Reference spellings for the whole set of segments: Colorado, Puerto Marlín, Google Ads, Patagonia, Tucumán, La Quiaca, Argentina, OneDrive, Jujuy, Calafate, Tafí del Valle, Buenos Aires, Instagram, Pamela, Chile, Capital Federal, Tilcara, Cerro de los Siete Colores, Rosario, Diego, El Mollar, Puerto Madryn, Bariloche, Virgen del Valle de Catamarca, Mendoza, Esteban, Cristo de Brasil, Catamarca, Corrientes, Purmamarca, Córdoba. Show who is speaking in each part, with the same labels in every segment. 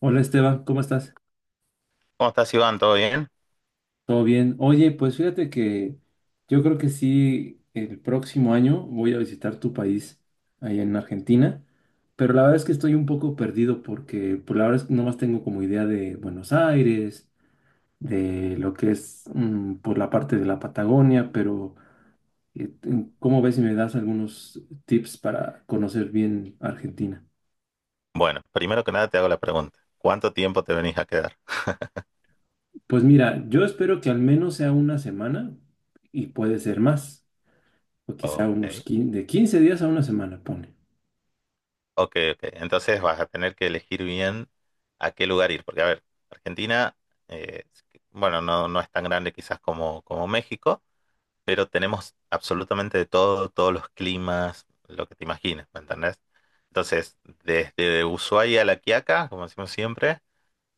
Speaker 1: Hola Esteban, ¿cómo estás?
Speaker 2: ¿Cómo estás, Iván? ¿Todo bien?
Speaker 1: ¿Todo bien? Oye, pues fíjate que yo creo que sí, el próximo año voy a visitar tu país, ahí en Argentina, pero la verdad es que estoy un poco perdido porque por la verdad es que nomás tengo como idea de Buenos Aires, de lo que es por la parte de la Patagonia, pero eh, ¿cómo ves si me das algunos tips para conocer bien Argentina?
Speaker 2: Bueno, primero que nada te hago la pregunta. ¿Cuánto tiempo te venís a quedar?
Speaker 1: Pues mira, yo espero que al menos sea una semana y puede ser más. O quizá
Speaker 2: Ok,
Speaker 1: unos 15, de 15 días a una semana, pone.
Speaker 2: ok, ok. Entonces vas a tener que elegir bien a qué lugar ir, porque a ver, Argentina, bueno, no, no es tan grande quizás como México, pero tenemos absolutamente de todo, todos los climas, lo que te imagines, ¿me entendés? Entonces, desde Ushuaia a La Quiaca, como decimos siempre,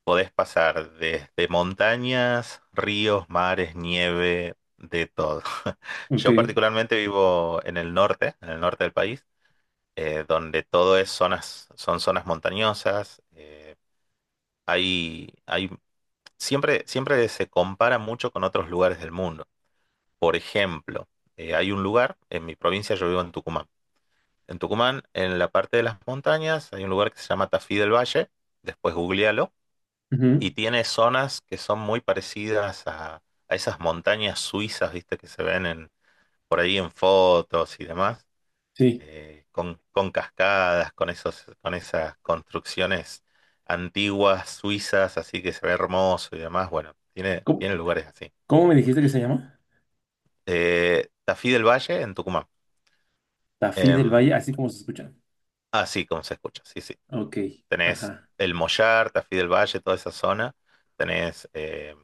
Speaker 2: podés pasar desde montañas, ríos, mares, nieve, de todo.
Speaker 1: Ok.
Speaker 2: Yo particularmente vivo en el norte del país, donde todo son zonas montañosas. Hay, hay, siempre se compara mucho con otros lugares del mundo. Por ejemplo, hay un lugar en mi provincia, yo vivo en Tucumán. En Tucumán, en la parte de las montañas, hay un lugar que se llama Tafí del Valle. Después googlealo. Y
Speaker 1: Ujú.
Speaker 2: tiene zonas que son muy parecidas a esas montañas suizas, viste, que se ven por ahí en fotos y demás,
Speaker 1: Sí.
Speaker 2: con cascadas, con esas construcciones antiguas suizas, así que se ve hermoso y demás. Bueno, tiene,
Speaker 1: ¿Cómo,
Speaker 2: tiene lugares así.
Speaker 1: cómo me dijiste que se llama?
Speaker 2: Tafí del Valle, en Tucumán.
Speaker 1: Tafí del
Speaker 2: Em,
Speaker 1: Valle, así como se escucha.
Speaker 2: Así como se escucha, sí, sí.
Speaker 1: Ok,
Speaker 2: Tenés
Speaker 1: ajá.
Speaker 2: el Mollar, Tafí del Valle, toda esa zona. Tenés,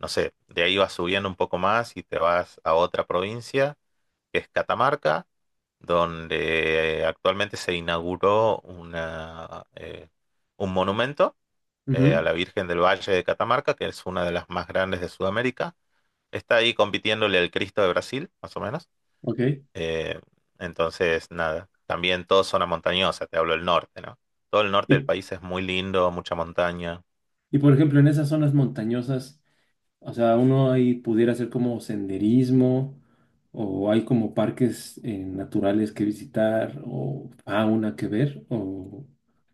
Speaker 2: no sé, de ahí vas subiendo un poco más y te vas a otra provincia, que es Catamarca, donde actualmente se inauguró un monumento a
Speaker 1: Ujú.
Speaker 2: la Virgen del Valle de Catamarca, que es una de las más grandes de Sudamérica. Está ahí compitiéndole al Cristo de Brasil, más o menos.
Speaker 1: Ok.
Speaker 2: Eh, entonces, nada, también toda zona montañosa, te hablo del norte, ¿no? Todo el norte del
Speaker 1: Y,
Speaker 2: país es muy lindo, mucha montaña.
Speaker 1: y por ejemplo, en esas zonas montañosas, o sea, uno ahí pudiera hacer como senderismo, o hay como parques naturales que visitar, o fauna que ver, o,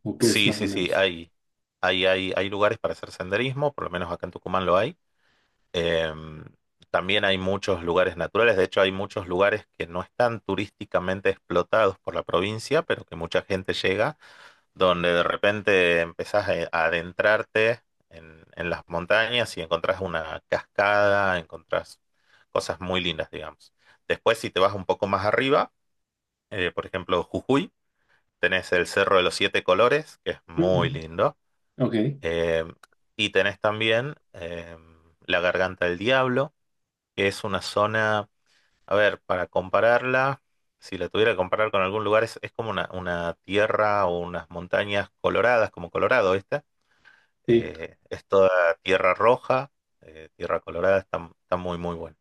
Speaker 1: o qué es
Speaker 2: Sí,
Speaker 1: más o
Speaker 2: sí, sí,
Speaker 1: menos.
Speaker 2: hay lugares para hacer senderismo, por lo menos acá en Tucumán lo hay. Em, También hay muchos lugares naturales, de hecho hay muchos lugares que no están turísticamente explotados por la provincia, pero que mucha gente llega donde de repente empezás a adentrarte en las montañas y encontrás una cascada, encontrás cosas muy lindas, digamos. Después, si te vas un poco más arriba, por ejemplo, Jujuy, tenés el Cerro de los Siete Colores, que es
Speaker 1: Mm.
Speaker 2: muy
Speaker 1: Mm.
Speaker 2: lindo,
Speaker 1: Ok.
Speaker 2: eh, y tenés también la Garganta del Diablo, que es una zona, a ver, para compararla, si la tuviera que comparar con algún lugar, es como una tierra o unas montañas coloradas, como Colorado, ¿viste?
Speaker 1: Sí.
Speaker 2: Es toda tierra roja, tierra colorada, está muy, muy bueno.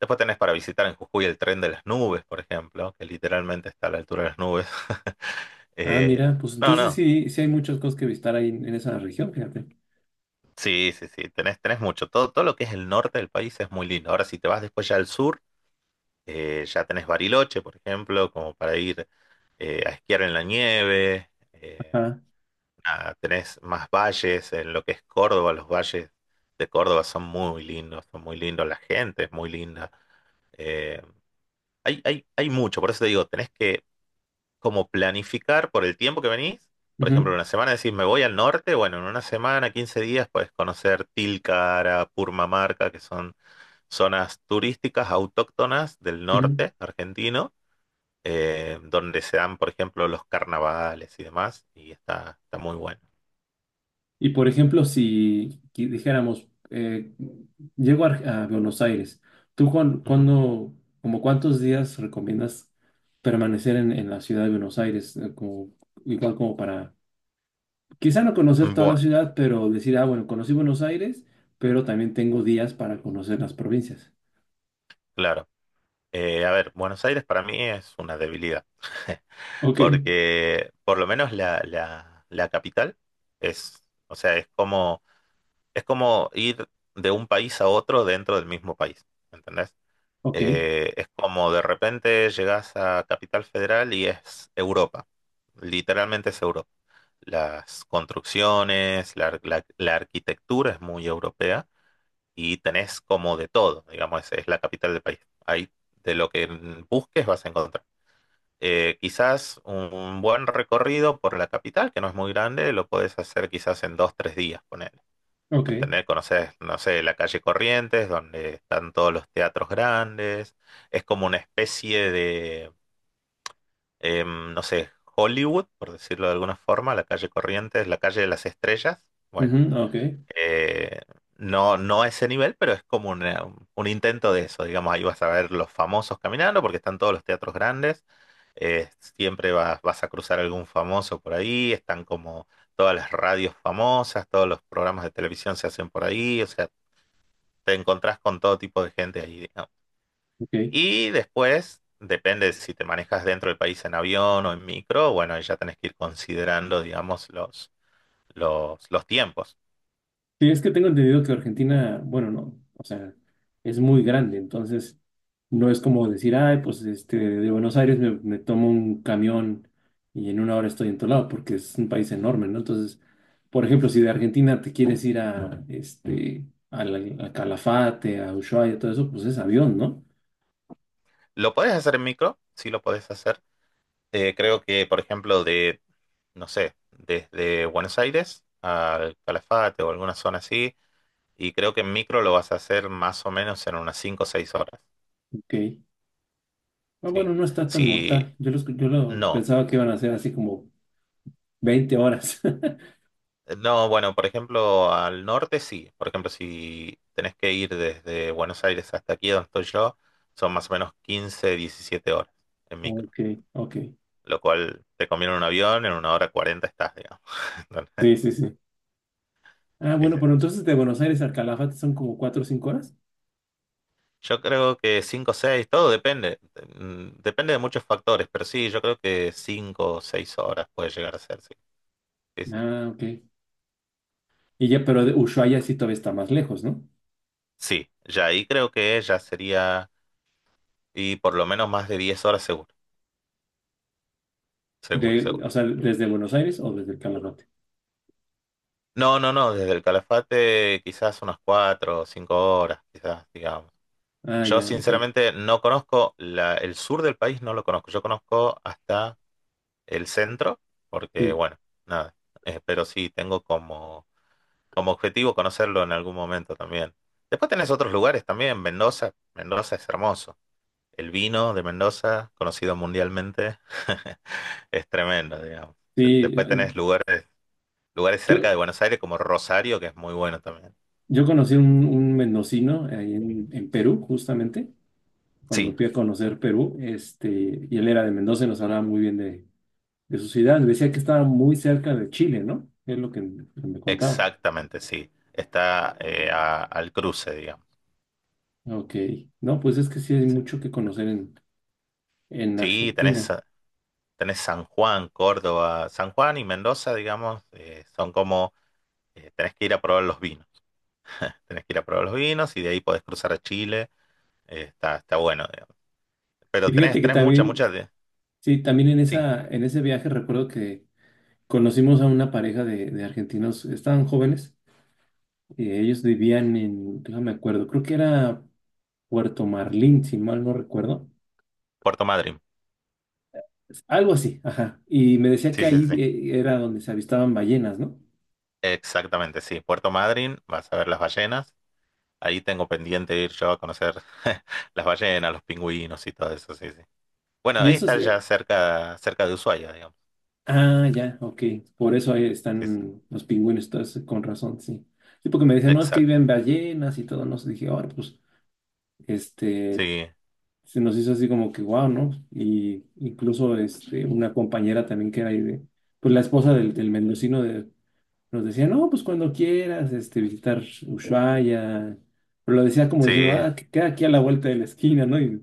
Speaker 2: Después tenés para visitar en Jujuy el tren de las nubes, por ejemplo, que literalmente está a la altura de las nubes.
Speaker 1: Ah,
Speaker 2: Eh,
Speaker 1: mira, pues
Speaker 2: no,
Speaker 1: entonces
Speaker 2: no,
Speaker 1: sí, sí hay muchas cosas que visitar ahí en esa región, fíjate.
Speaker 2: sí, sí, sí, tenés mucho. Todo, lo que es el norte del país es muy lindo. Ahora, si te vas después ya al sur, ya tenés Bariloche, por ejemplo, como para ir a esquiar en la nieve. Eh,
Speaker 1: Ajá.
Speaker 2: Ah, tenés más valles en lo que es Córdoba, los valles de Córdoba son muy lindos, la gente es muy linda. Eh, hay mucho, por eso te digo, tenés que como planificar por el tiempo que venís. Por ejemplo,
Speaker 1: Ujú.
Speaker 2: una semana decís, me voy al norte, bueno, en una semana, 15 días, puedes conocer Tilcara, Purmamarca, que son zonas turísticas autóctonas del
Speaker 1: Ujú.
Speaker 2: norte argentino, donde se dan, por ejemplo, los carnavales y demás, y está muy bueno.
Speaker 1: Y por ejemplo, si dijéramos, llego a Buenos Aires, ¿tú
Speaker 2: Ujú.
Speaker 1: cuándo, como cuántos días recomiendas permanecer en la ciudad de Buenos Aires? Como, igual como para, quizá no conocer toda la
Speaker 2: Bueno.
Speaker 1: ciudad, pero decir, ah, bueno, conocí Buenos Aires, pero también tengo días para conocer las provincias.
Speaker 2: Claro, a ver, Buenos Aires para mí es una debilidad,
Speaker 1: Ok.
Speaker 2: porque por lo menos la capital o sea, es como ir de un país a otro dentro del mismo país, ¿entendés?
Speaker 1: Ok.
Speaker 2: Es como de repente llegas a Capital Federal y es Europa, literalmente es Europa. Las construcciones, la arquitectura es muy europea y tenés como de todo, digamos, es la capital del país. Ahí de lo que busques vas a encontrar. Quizás un buen recorrido por la capital, que no es muy grande, lo podés hacer quizás en 2, 3 días, ponele.
Speaker 1: Ok.
Speaker 2: ¿Entendés? Conoces, no sé, la calle Corrientes, donde están todos los teatros grandes. Es como una especie de, no sé, Hollywood, por decirlo de alguna forma, la calle Corrientes, la calle de las estrellas.
Speaker 1: Ujú.
Speaker 2: Bueno,
Speaker 1: Ok.
Speaker 2: eh, no, no a ese nivel, pero es como un intento de eso. Digamos, ahí vas a ver los famosos caminando porque están todos los teatros grandes. eh, Siempre vas a cruzar algún famoso por ahí. Están como todas las radios famosas, todos los programas de televisión se hacen por ahí. O sea, te encontrás con todo tipo de gente ahí, digamos.
Speaker 1: Ok.
Speaker 2: Y después, depende de si te manejas dentro del país en avión o en micro, bueno, ahí ya tenés que ir considerando, digamos, los tiempos.
Speaker 1: Sí, es que tengo entendido que Argentina, bueno, no, o sea, es muy grande, entonces no es como decir, ay, pues este, de Buenos Aires me tomo un camión y en una hora estoy en todo lado, porque es un país enorme, ¿no? Entonces, por ejemplo, si de Argentina te quieres ir a, este, a Calafate, a Ushuaia, todo eso, pues es avión, ¿no?
Speaker 2: Lo podés hacer en micro, sí lo podés hacer. Creo que, por ejemplo, no sé, desde Buenos Aires al Calafate o alguna zona así, y creo que en micro lo vas a hacer más o menos en unas 5 o 6 horas,
Speaker 1: Ok. Ah,
Speaker 2: ¿sí?
Speaker 1: bueno, no está tan
Speaker 2: Si
Speaker 1: mortal. Yo lo
Speaker 2: no,
Speaker 1: pensaba que iban a ser así como 20 horas.
Speaker 2: no, bueno, por ejemplo, al norte sí, por ejemplo, si tenés que ir desde Buenos Aires hasta aquí donde estoy yo, son más o menos 15, 17 horas en micro,
Speaker 1: Ok. Ok.
Speaker 2: lo cual te conviene un avión, en una hora 40 estás, digamos.
Speaker 1: Sí, sí, sí. Ah, bueno, pero entonces de Buenos Aires al Calafate son como 4 o 5 horas.
Speaker 2: Yo creo que 5 o 6 todo depende. Depende de muchos factores, pero sí, yo creo que 5 o 6 horas puede llegar a ser, sí. Sí, sí.
Speaker 1: Ah, ok. Y ya, pero de Ushuaia sí todavía está más lejos, ¿no?
Speaker 2: Sí, ya ahí creo que ya sería, y por lo menos más de 10 horas seguro, seguro,
Speaker 1: De, o
Speaker 2: seguro.
Speaker 1: sea, desde Buenos Aires o desde el Calafate.
Speaker 2: No, no, no, desde el Calafate quizás unas 4 o 5 horas, quizás, digamos.
Speaker 1: Ah,
Speaker 2: Yo
Speaker 1: ya, ok.
Speaker 2: sinceramente no conozco el sur del país, no lo conozco. Yo conozco hasta el centro, porque
Speaker 1: Sí,
Speaker 2: bueno, nada. Pero sí, tengo como objetivo conocerlo en algún momento también. Después tenés otros lugares también, Mendoza, Mendoza es hermoso. El vino de Mendoza, conocido mundialmente, es tremendo, digamos. Después
Speaker 1: sí.
Speaker 2: tenés lugares cerca de
Speaker 1: Yo,
Speaker 2: Buenos Aires como Rosario, que es muy bueno también.
Speaker 1: yo conocí un mendocino ahí en Perú, justamente, cuando
Speaker 2: Sí,
Speaker 1: fui a conocer Perú, este, y él era de Mendoza y nos hablaba muy bien de su ciudad. Me decía que estaba muy cerca de Chile, ¿no? Es lo que me contaba.
Speaker 2: exactamente, sí. Está al cruce, digamos.
Speaker 1: Ok. No, pues es que sí hay
Speaker 2: Sí,
Speaker 1: mucho que conocer en
Speaker 2: sí, tenés,
Speaker 1: Argentina.
Speaker 2: tenés San Juan, Córdoba. San Juan y Mendoza, digamos, tenés que ir a probar los vinos. Tenés que ir a probar los vinos y de ahí podés cruzar a Chile. Está bueno, digamos.
Speaker 1: Y
Speaker 2: Pero tenés,
Speaker 1: fíjate que
Speaker 2: tenés mucha,
Speaker 1: también,
Speaker 2: mucha de...
Speaker 1: sí, también en
Speaker 2: Sí,
Speaker 1: esa, en ese viaje recuerdo que conocimos a una pareja de argentinos, estaban jóvenes, y ellos vivían en, no me acuerdo, creo que era Puerto Marlín, si mal no recuerdo,
Speaker 2: Puerto Madryn.
Speaker 1: algo así, ajá, y me decía que
Speaker 2: Sí, sí,
Speaker 1: ahí
Speaker 2: sí.
Speaker 1: era donde se avistaban ballenas, ¿no?
Speaker 2: Exactamente, sí. Puerto Madryn, vas a ver las ballenas. Ahí tengo pendiente de ir yo a conocer las ballenas, los pingüinos y todo eso, sí, sí. Bueno,
Speaker 1: Y
Speaker 2: ahí
Speaker 1: esos,
Speaker 2: está ya cerca, cerca de Ushuaia, digamos.
Speaker 1: ah, ya, ok, por eso ahí
Speaker 2: Sí, sí.
Speaker 1: están los pingüinos, entonces con razón, sí. Sí, porque me decían, no, es que
Speaker 2: Exacto.
Speaker 1: viven ballenas y todo, no sé, dije, ahora, pues, este,
Speaker 2: Sí,
Speaker 1: se nos hizo así como que wow, ¿no? Y incluso este, una compañera también que era ahí de, pues la esposa del mendocino de, nos decía, no, pues cuando quieras este, visitar Ushuaia, pero lo decía como diciendo,
Speaker 2: sí.
Speaker 1: ah, que queda aquí a la vuelta de la esquina, ¿no? Y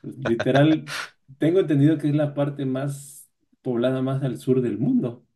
Speaker 1: pues, literal, tengo entendido que es la parte más poblada más al sur del mundo.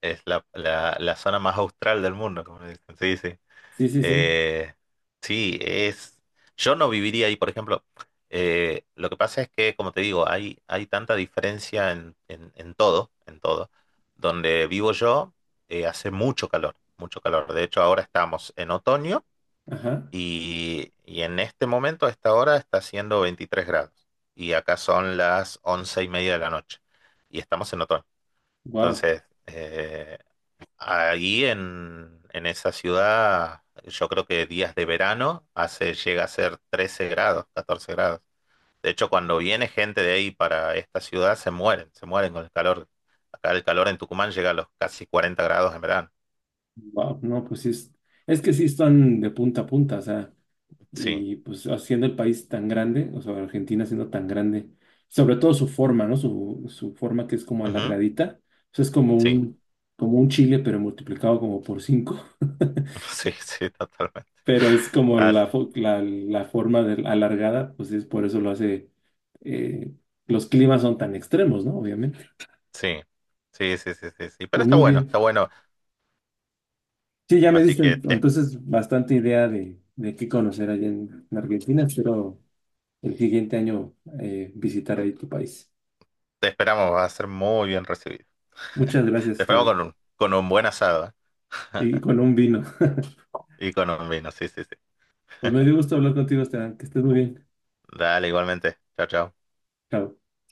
Speaker 2: Es la zona más austral del mundo, como le dicen. Sí, sí.
Speaker 1: Sí, sí, sí,
Speaker 2: Eh, sí, es. Yo no viviría ahí, por ejemplo. Lo que pasa es que, como te digo, hay tanta diferencia en todo, en todo. Donde vivo yo, hace mucho calor, mucho calor. De hecho, ahora estamos en otoño
Speaker 1: ajá,
Speaker 2: y en este momento, a esta hora, está haciendo 23 grados. Y acá son las 11:30 de la noche. Y estamos en otoño.
Speaker 1: wow,
Speaker 2: Entonces, ahí en esa ciudad, yo creo que días de verano llega a ser 13 grados, 14 grados. De hecho, cuando viene gente de ahí para esta ciudad, se mueren con el calor. Acá el calor en Tucumán llega a los casi 40 grados en verano.
Speaker 1: wow, no, pues sí, es que sí están de punta a punta, o sea.
Speaker 2: Sí,
Speaker 1: Y pues haciendo el país tan grande, o sea, Argentina siendo tan grande, sobre todo su forma, ¿no? Su forma que es como
Speaker 2: ujú,
Speaker 1: alargadita, o sea, es como
Speaker 2: sí,
Speaker 1: un, como un chile, pero multiplicado como por cinco,
Speaker 2: sí, sí, totalmente.
Speaker 1: pero es como
Speaker 2: Ah, sí,
Speaker 1: la forma alargada, pues es por eso lo hace, eh, los climas son tan extremos, ¿no? Obviamente.
Speaker 2: sí, sí, sí, sí, sí, sí. Pero
Speaker 1: Pues muy,
Speaker 2: está
Speaker 1: claro,
Speaker 2: bueno,
Speaker 1: bien.
Speaker 2: está bueno.
Speaker 1: Sí, ya me
Speaker 2: Así
Speaker 1: diste
Speaker 2: que
Speaker 1: entonces bastante idea de, qué conocer allá en Argentina, espero el siguiente año visitar ahí tu país.
Speaker 2: te esperamos, va a ser muy bien recibido.
Speaker 1: Muchas gracias,
Speaker 2: Te esperamos
Speaker 1: Esteban.
Speaker 2: con con un buen asado. ¿Eh?
Speaker 1: Y con un vino.
Speaker 2: Y con un vino, sí, sí, sí.
Speaker 1: Pues me dio gusto hablar contigo, Esteban. Que estés muy bien.
Speaker 2: Dale, igualmente. Chao, chao.
Speaker 1: Chao.